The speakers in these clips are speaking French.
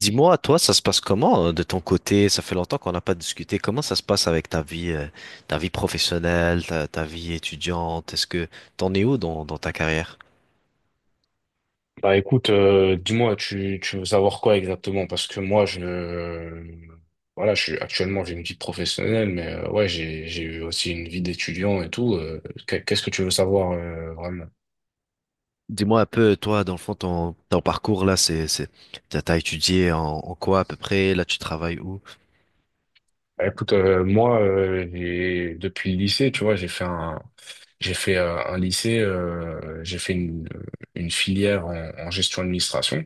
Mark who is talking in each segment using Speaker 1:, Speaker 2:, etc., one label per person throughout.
Speaker 1: Dis-moi, toi, ça se passe comment de ton côté? Ça fait longtemps qu'on n'a pas discuté. Comment ça se passe avec ta vie professionnelle, ta vie étudiante? Est-ce que t'en es où dans ta carrière?
Speaker 2: Bah écoute, dis-moi, tu veux savoir quoi exactement? Parce que moi, voilà, je suis actuellement j'ai une vie professionnelle, mais ouais, j'ai eu aussi une vie d'étudiant et tout. Qu'est-ce que tu veux savoir vraiment?
Speaker 1: Dis-moi un peu, toi, dans le fond, ton parcours là, c'est, t'as étudié en quoi à peu près? Là, tu travailles où?
Speaker 2: Bah, écoute, moi, depuis le lycée, tu vois, j'ai fait un lycée, j'ai fait une filière en gestion administration.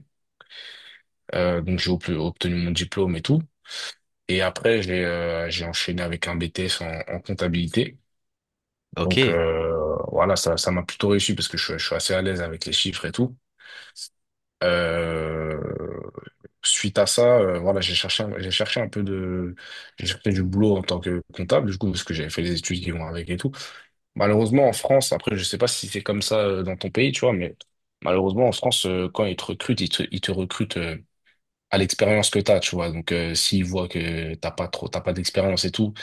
Speaker 2: Donc j'ai obtenu mon diplôme et tout. Et après, j'ai enchaîné avec un BTS en comptabilité. Donc
Speaker 1: Ok.
Speaker 2: voilà, ça m'a plutôt réussi parce que je suis assez à l'aise avec les chiffres et tout. Euh, Suite à ça, voilà, j'ai cherché un peu de, j'ai cherché du boulot en tant que comptable, du coup, parce que j'avais fait les études qui vont avec et tout. Malheureusement, en France, après, je sais pas si c'est comme ça dans ton pays, tu vois, mais malheureusement, en France, quand ils te recrutent, ils te recrutent, à l'expérience que t'as, tu vois. Donc, s'ils voient que t'as pas trop, t'as pas d'expérience et tout,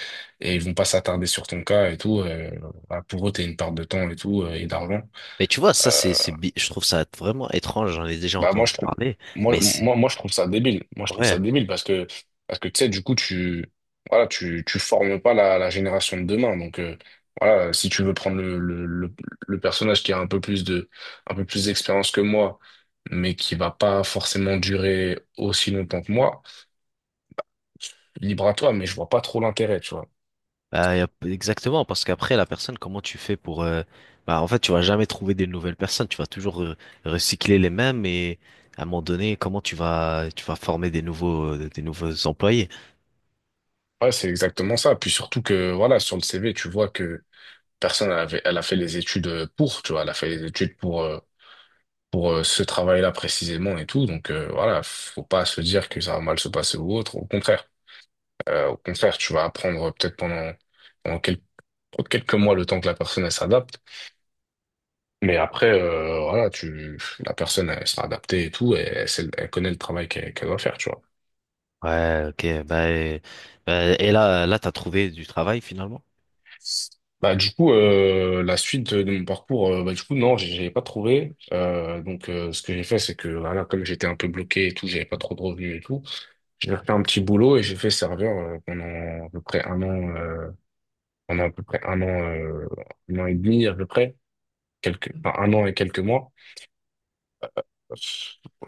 Speaker 2: et ils vont pas s'attarder sur ton cas et tout, bah, pour eux, t'es une perte de temps et tout, et d'argent.
Speaker 1: Mais tu vois, ça,
Speaker 2: Euh,
Speaker 1: je trouve ça vraiment étrange. J'en ai déjà
Speaker 2: Bah, moi,
Speaker 1: entendu parler, mais
Speaker 2: je trouve ça débile. Moi, je trouve ça
Speaker 1: ouais.
Speaker 2: débile parce que, tu sais, du coup, voilà, tu formes pas la génération de demain. Donc, voilà, si tu veux prendre le personnage qui a un peu plus de, un peu plus d'expérience que moi, mais qui va pas forcément durer aussi longtemps que moi, libre à toi, mais je vois pas trop l'intérêt, tu vois.
Speaker 1: Exactement, parce qu'après, la personne, comment tu fais Bah, en fait, tu vas jamais trouver des nouvelles personnes, tu vas toujours recycler les mêmes et à un moment donné, comment tu vas former des nouveaux des nouveaux employés?
Speaker 2: Ouais, c'est exactement ça. Puis surtout que, voilà, sur le CV, tu vois que elle a fait les études pour, tu vois, elle a fait les études pour ce travail-là précisément et tout. Donc, voilà, faut pas se dire que ça va mal se passer ou autre. Au contraire, tu vas apprendre peut-être pendant, pendant quel- quelques mois le temps que la personne, elle s'adapte. Mais après, voilà, la personne, elle sera adaptée et tout, et elle connaît le travail qu'elle doit faire, tu vois.
Speaker 1: Ouais, ok, bah, et là, t'as trouvé du travail finalement?
Speaker 2: Bah, du coup, la suite de mon parcours, bah, du coup, non, j'avais pas trouvé. Donc, ce que j'ai fait, c'est que, voilà, comme j'étais un peu bloqué et tout, j'avais pas trop de revenus et tout, j'ai fait un petit boulot et j'ai fait serveur pendant à peu près un an, pendant à peu près un an, euh, un an et demi à peu près, enfin, un an et quelques mois.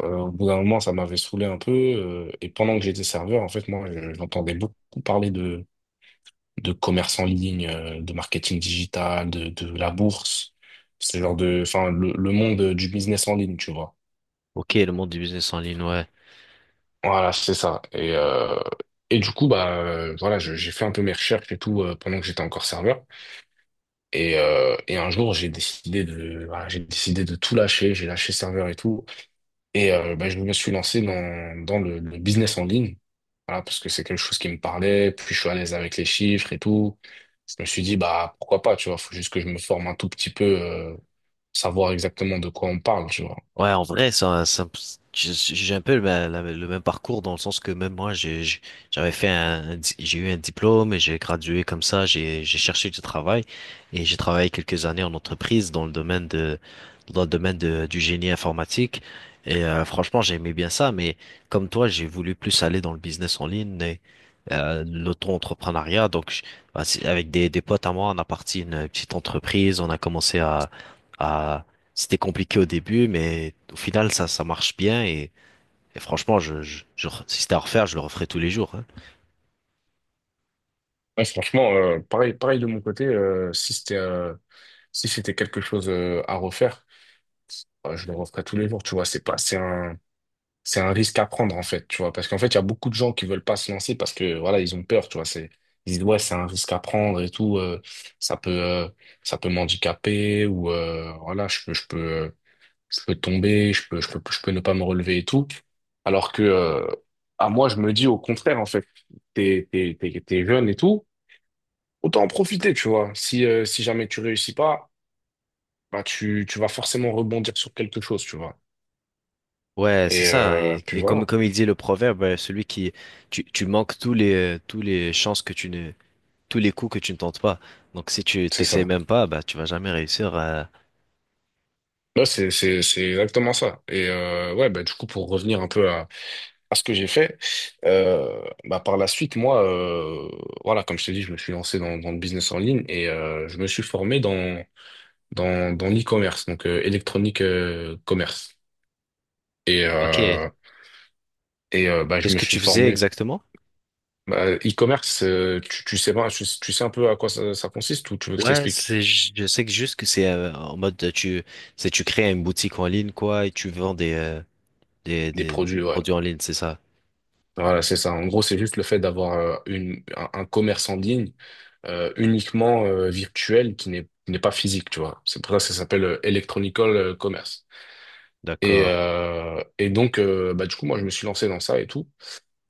Speaker 2: Au bout d'un moment, ça m'avait saoulé un peu. Et pendant que j'étais serveur, en fait, moi, j'entendais beaucoup parler de commerce en ligne, de marketing digital, de la bourse, ce genre de, enfin, le monde du business en ligne, tu vois.
Speaker 1: Ok, le monde du business en ligne, ouais.
Speaker 2: Voilà, c'est ça. Et du coup, bah, voilà, j'ai fait un peu mes recherches et tout pendant que j'étais encore serveur. Et un jour, voilà, j'ai décidé de tout lâcher. J'ai lâché serveur et tout. Et bah, je me suis lancé dans le business en ligne, voilà, parce que c'est quelque chose qui me parlait, puis je suis à l'aise avec les chiffres et tout. Je me suis dit, bah pourquoi pas, tu vois, faut juste que je me forme un tout petit peu, savoir exactement de quoi on parle, tu vois.
Speaker 1: Ouais, en vrai, j'ai un peu le même parcours dans le sens que même moi, j'avais fait j'ai eu un diplôme et j'ai gradué comme ça, j'ai cherché du travail et j'ai travaillé quelques années en entreprise dans le domaine dans le domaine de- du génie informatique. Et franchement, j'aimais bien ça, mais comme toi, j'ai voulu plus aller dans le business en ligne et l'auto-entrepreneuriat. Bah, c'est- avec des potes à moi, on a parti une petite entreprise, on a commencé à c'était compliqué au début, mais au final, ça marche bien et franchement, si c'était à refaire, je le referais tous les jours, hein.
Speaker 2: Ouais, franchement, pareil, pareil de mon côté, si c'était quelque chose à refaire, je le referais tous les jours, tu vois. C'est pas, c'est un risque à prendre en fait, tu vois, parce qu'en fait, il y a beaucoup de gens qui veulent pas se lancer parce que voilà, ils ont peur, tu vois, c'est ils disent ouais, c'est un risque à prendre et tout, ça peut euh, ça peut m'handicaper ou voilà, je peux tomber, je peux ne pas me relever et tout. Alors que à moi, je me dis au contraire en fait, t'es jeune et tout, autant en profiter, tu vois. Si jamais tu réussis pas, bah tu vas forcément rebondir sur quelque chose, tu vois.
Speaker 1: Ouais, c'est
Speaker 2: Et
Speaker 1: ça.
Speaker 2: puis
Speaker 1: Et comme,
Speaker 2: voilà,
Speaker 1: comme il dit le proverbe, celui qui, tu manques tous tous les chances que tu ne, tous les coups que tu ne tentes pas. Donc, si tu
Speaker 2: c'est
Speaker 1: t'essayes
Speaker 2: ça.
Speaker 1: même pas, bah, tu vas jamais réussir. À-
Speaker 2: Là, c'est exactement ça. Et ouais, bah, du coup, pour revenir un peu à, ce que j'ai fait, bah, par la suite, moi, voilà, comme je t'ai dit, je me suis lancé dans le business en ligne et je me suis formé dans l'e-commerce, donc électronique commerce. Et,
Speaker 1: Ok.
Speaker 2: euh, et bah, je
Speaker 1: Qu'est-ce
Speaker 2: me
Speaker 1: que
Speaker 2: suis
Speaker 1: tu faisais
Speaker 2: formé.
Speaker 1: exactement?
Speaker 2: Bah, e-commerce, tu, tu sais, pas- tu sais un peu à quoi ça consiste ou tu veux que je
Speaker 1: Ouais,
Speaker 2: t'explique?
Speaker 1: c'est, ju- je sais que juste que c'est en mode tu, c'est tu crées une boutique en ligne quoi et tu vends
Speaker 2: Des
Speaker 1: des
Speaker 2: produits, ouais.
Speaker 1: produits en ligne, c'est ça.
Speaker 2: Voilà, c'est ça. En gros, c'est juste le fait d'avoir un commerce en ligne uniquement virtuel qui n'est pas physique, tu vois. C'est pour ça que ça s'appelle Electronical Commerce. Et,
Speaker 1: D'accord.
Speaker 2: euh, et donc, bah, du coup, moi, je me suis lancé dans ça et tout.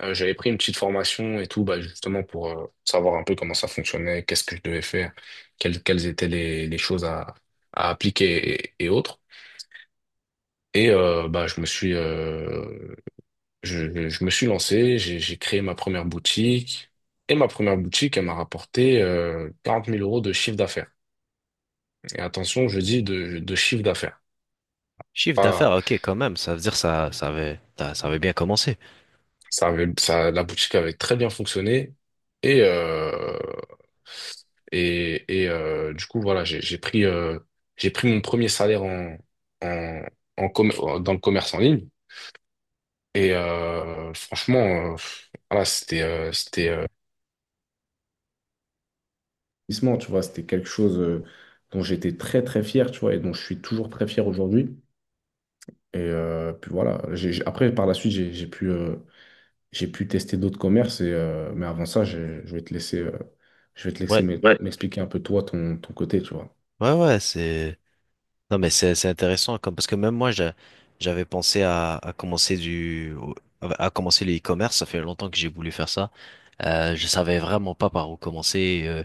Speaker 2: J'avais pris une petite formation et tout, bah, justement pour savoir un peu comment ça fonctionnait, qu'est-ce que je devais faire, quelles étaient les choses à, appliquer et, autres. Et bah, je me suis lancé, j'ai créé ma première boutique. Et ma première boutique, elle m'a rapporté 40 000 euros de chiffre d'affaires. Et attention, je dis de chiffre d'affaires.
Speaker 1: Chiffre
Speaker 2: Ah,
Speaker 1: d'affaires, ok, quand même, ça veut dire ça, ça avait, ça avait bien commencé.
Speaker 2: ça, la boutique avait très bien fonctionné. Et, euh, et, du coup, voilà, j'ai pris mon premier salaire en, en, en commer- dans le commerce en ligne. Et franchement, voilà, investissement, tu vois, c'était quelque chose dont j'étais très très fier, tu vois, et dont je suis toujours très fier aujourd'hui. Et puis voilà, après par la suite, j'ai pu tester d'autres commerces, et, mais avant ça, je vais te laisser,
Speaker 1: Ouais,
Speaker 2: ouais, m'expliquer un peu toi, ton côté, tu vois.
Speaker 1: ouais, ouais, non, mais c'est intéressant, comme, parce que même moi, j'avais pensé à commencer du, à commencer le e-commerce, ça fait longtemps que j'ai voulu faire ça. Je savais vraiment pas par où commencer.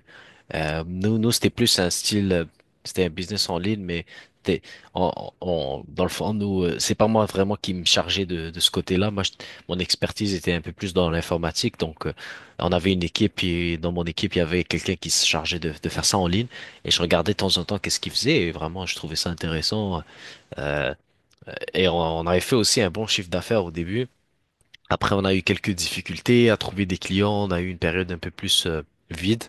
Speaker 1: Nous c'était plus un style, c'était un business en ligne, mais c'était- on, on- dans le fond, nous, c'est pas moi vraiment qui me chargeais de ce côté-là. Mon expertise était un peu plus dans l'informatique, donc on avait une équipe et dans mon équipe, il y avait quelqu'un qui se chargeait de faire ça en ligne et je regardais de temps en temps qu'est-ce qu'il faisait et vraiment, je trouvais ça intéressant. Euh, et on avait fait aussi un bon chiffre d'affaires au début. Après, on a eu quelques difficultés à trouver des clients, on a eu une période un peu plus vide.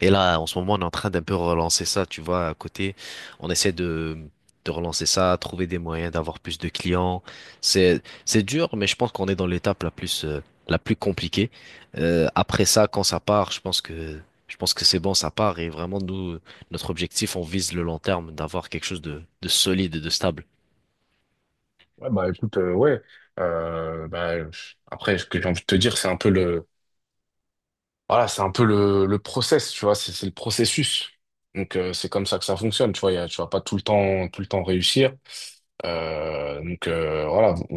Speaker 1: Et là, en ce moment, on est en train d'un peu relancer ça, tu vois, à côté. On essaie de relancer ça, trouver des moyens d'avoir plus de clients. C'est dur, mais je pense qu'on est dans l'étape la plus la plus compliquée. Après ça, quand ça part, je pense que c'est bon, ça part. Et vraiment, nous, notre objectif, on vise le long terme, d'avoir quelque chose de solide et de stable.
Speaker 2: Ouais, bah écoute, ouais. Après, ce que j'ai envie de te dire, c'est un peu le, voilà, c'est un peu le process, tu vois, c'est le processus. Donc, c'est comme ça que ça fonctionne, tu vois, tu vas pas tout le temps, tout le temps réussir. Donc voilà,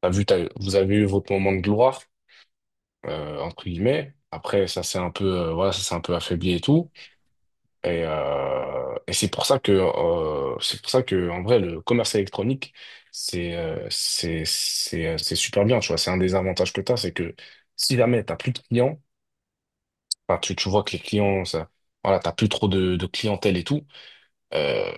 Speaker 2: t'as vu, vous avez eu votre moment de gloire, entre guillemets. Après, ça s'est un peu, voilà, ça s'est un peu affaibli et tout. Et c'est pour ça que, en vrai, le commerce électronique, c'est super bien. Tu vois, c'est un des avantages que t'as, c'est que si jamais t'as plus de clients, enfin, tu vois que les clients, ça, voilà, t'as plus trop de clientèle et tout. euh,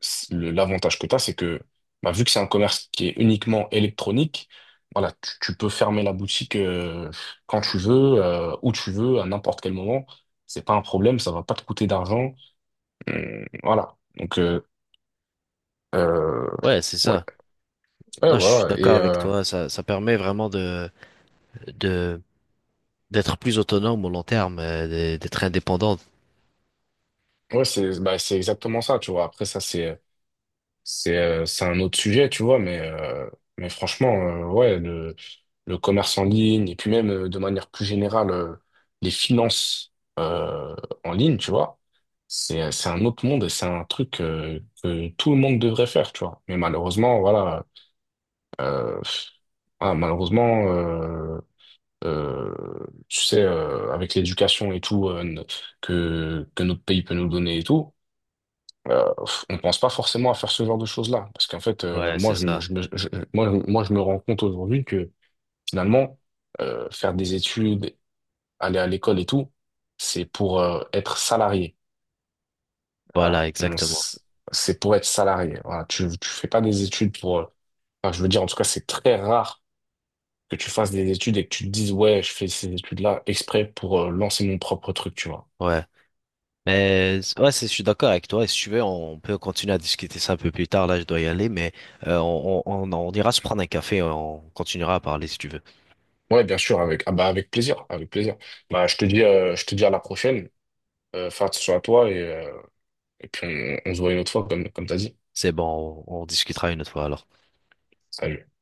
Speaker 2: L'avantage que tu as, c'est que bah, vu que c'est un commerce qui est uniquement électronique, voilà, tu peux fermer la boutique quand tu veux, où tu veux, à n'importe quel moment. C'est pas un problème, ça va pas te coûter d'argent. Voilà. Donc euh,
Speaker 1: Ouais, c'est
Speaker 2: ouais,
Speaker 1: ça.
Speaker 2: ouais,
Speaker 1: Non, je suis
Speaker 2: voilà.
Speaker 1: d'accord
Speaker 2: Et
Speaker 1: avec toi. Ça permet vraiment de, d'être plus autonome au long terme, d'être indépendant.
Speaker 2: ouais, c'est bah, c'est exactement ça, tu vois. Après ça, c'est un autre sujet, tu vois, mais franchement, ouais, le commerce en ligne et puis même de manière plus générale, les finances euh, en ligne, tu vois, c'est un autre monde et c'est un truc que tout le monde devrait faire, tu vois. Mais malheureusement, voilà, euh, voilà, malheureusement, euh, euh, tu sais, avec l'éducation et tout que, notre pays peut nous donner et tout, euh, on pense pas forcément à faire ce genre de choses-là. Parce qu'en fait,
Speaker 1: Ouais,
Speaker 2: moi,
Speaker 1: c'est
Speaker 2: je me,
Speaker 1: ça.
Speaker 2: je me- je- moi, je- moi, je me rends compte aujourd'hui que finalement, faire des études, aller à l'école et tout, c'est pour être salarié.
Speaker 1: Voilà,
Speaker 2: Voilà.
Speaker 1: exactement.
Speaker 2: C'est pour être salarié. Voilà. Tu fais pas des études pour. Enfin, je veux dire, en tout cas, c'est très rare que tu fasses des études et que tu te dises, ouais, je fais ces études-là exprès pour lancer mon propre truc, tu vois.
Speaker 1: Ouais. Mais ouais, c'est- je suis d'accord avec toi. Et si tu veux, on peut continuer à discuter ça un peu plus tard. Là, je dois y aller, mais on ira se prendre un café. On continuera à parler si tu veux.
Speaker 2: Ouais, bien sûr, ah bah, avec plaisir, avec plaisir. Bah, je te dis à la prochaine. Fais attention à toi et puis on se voit une autre fois, comme t'as dit.
Speaker 1: C'est bon, on discutera une autre fois alors.
Speaker 2: Salut.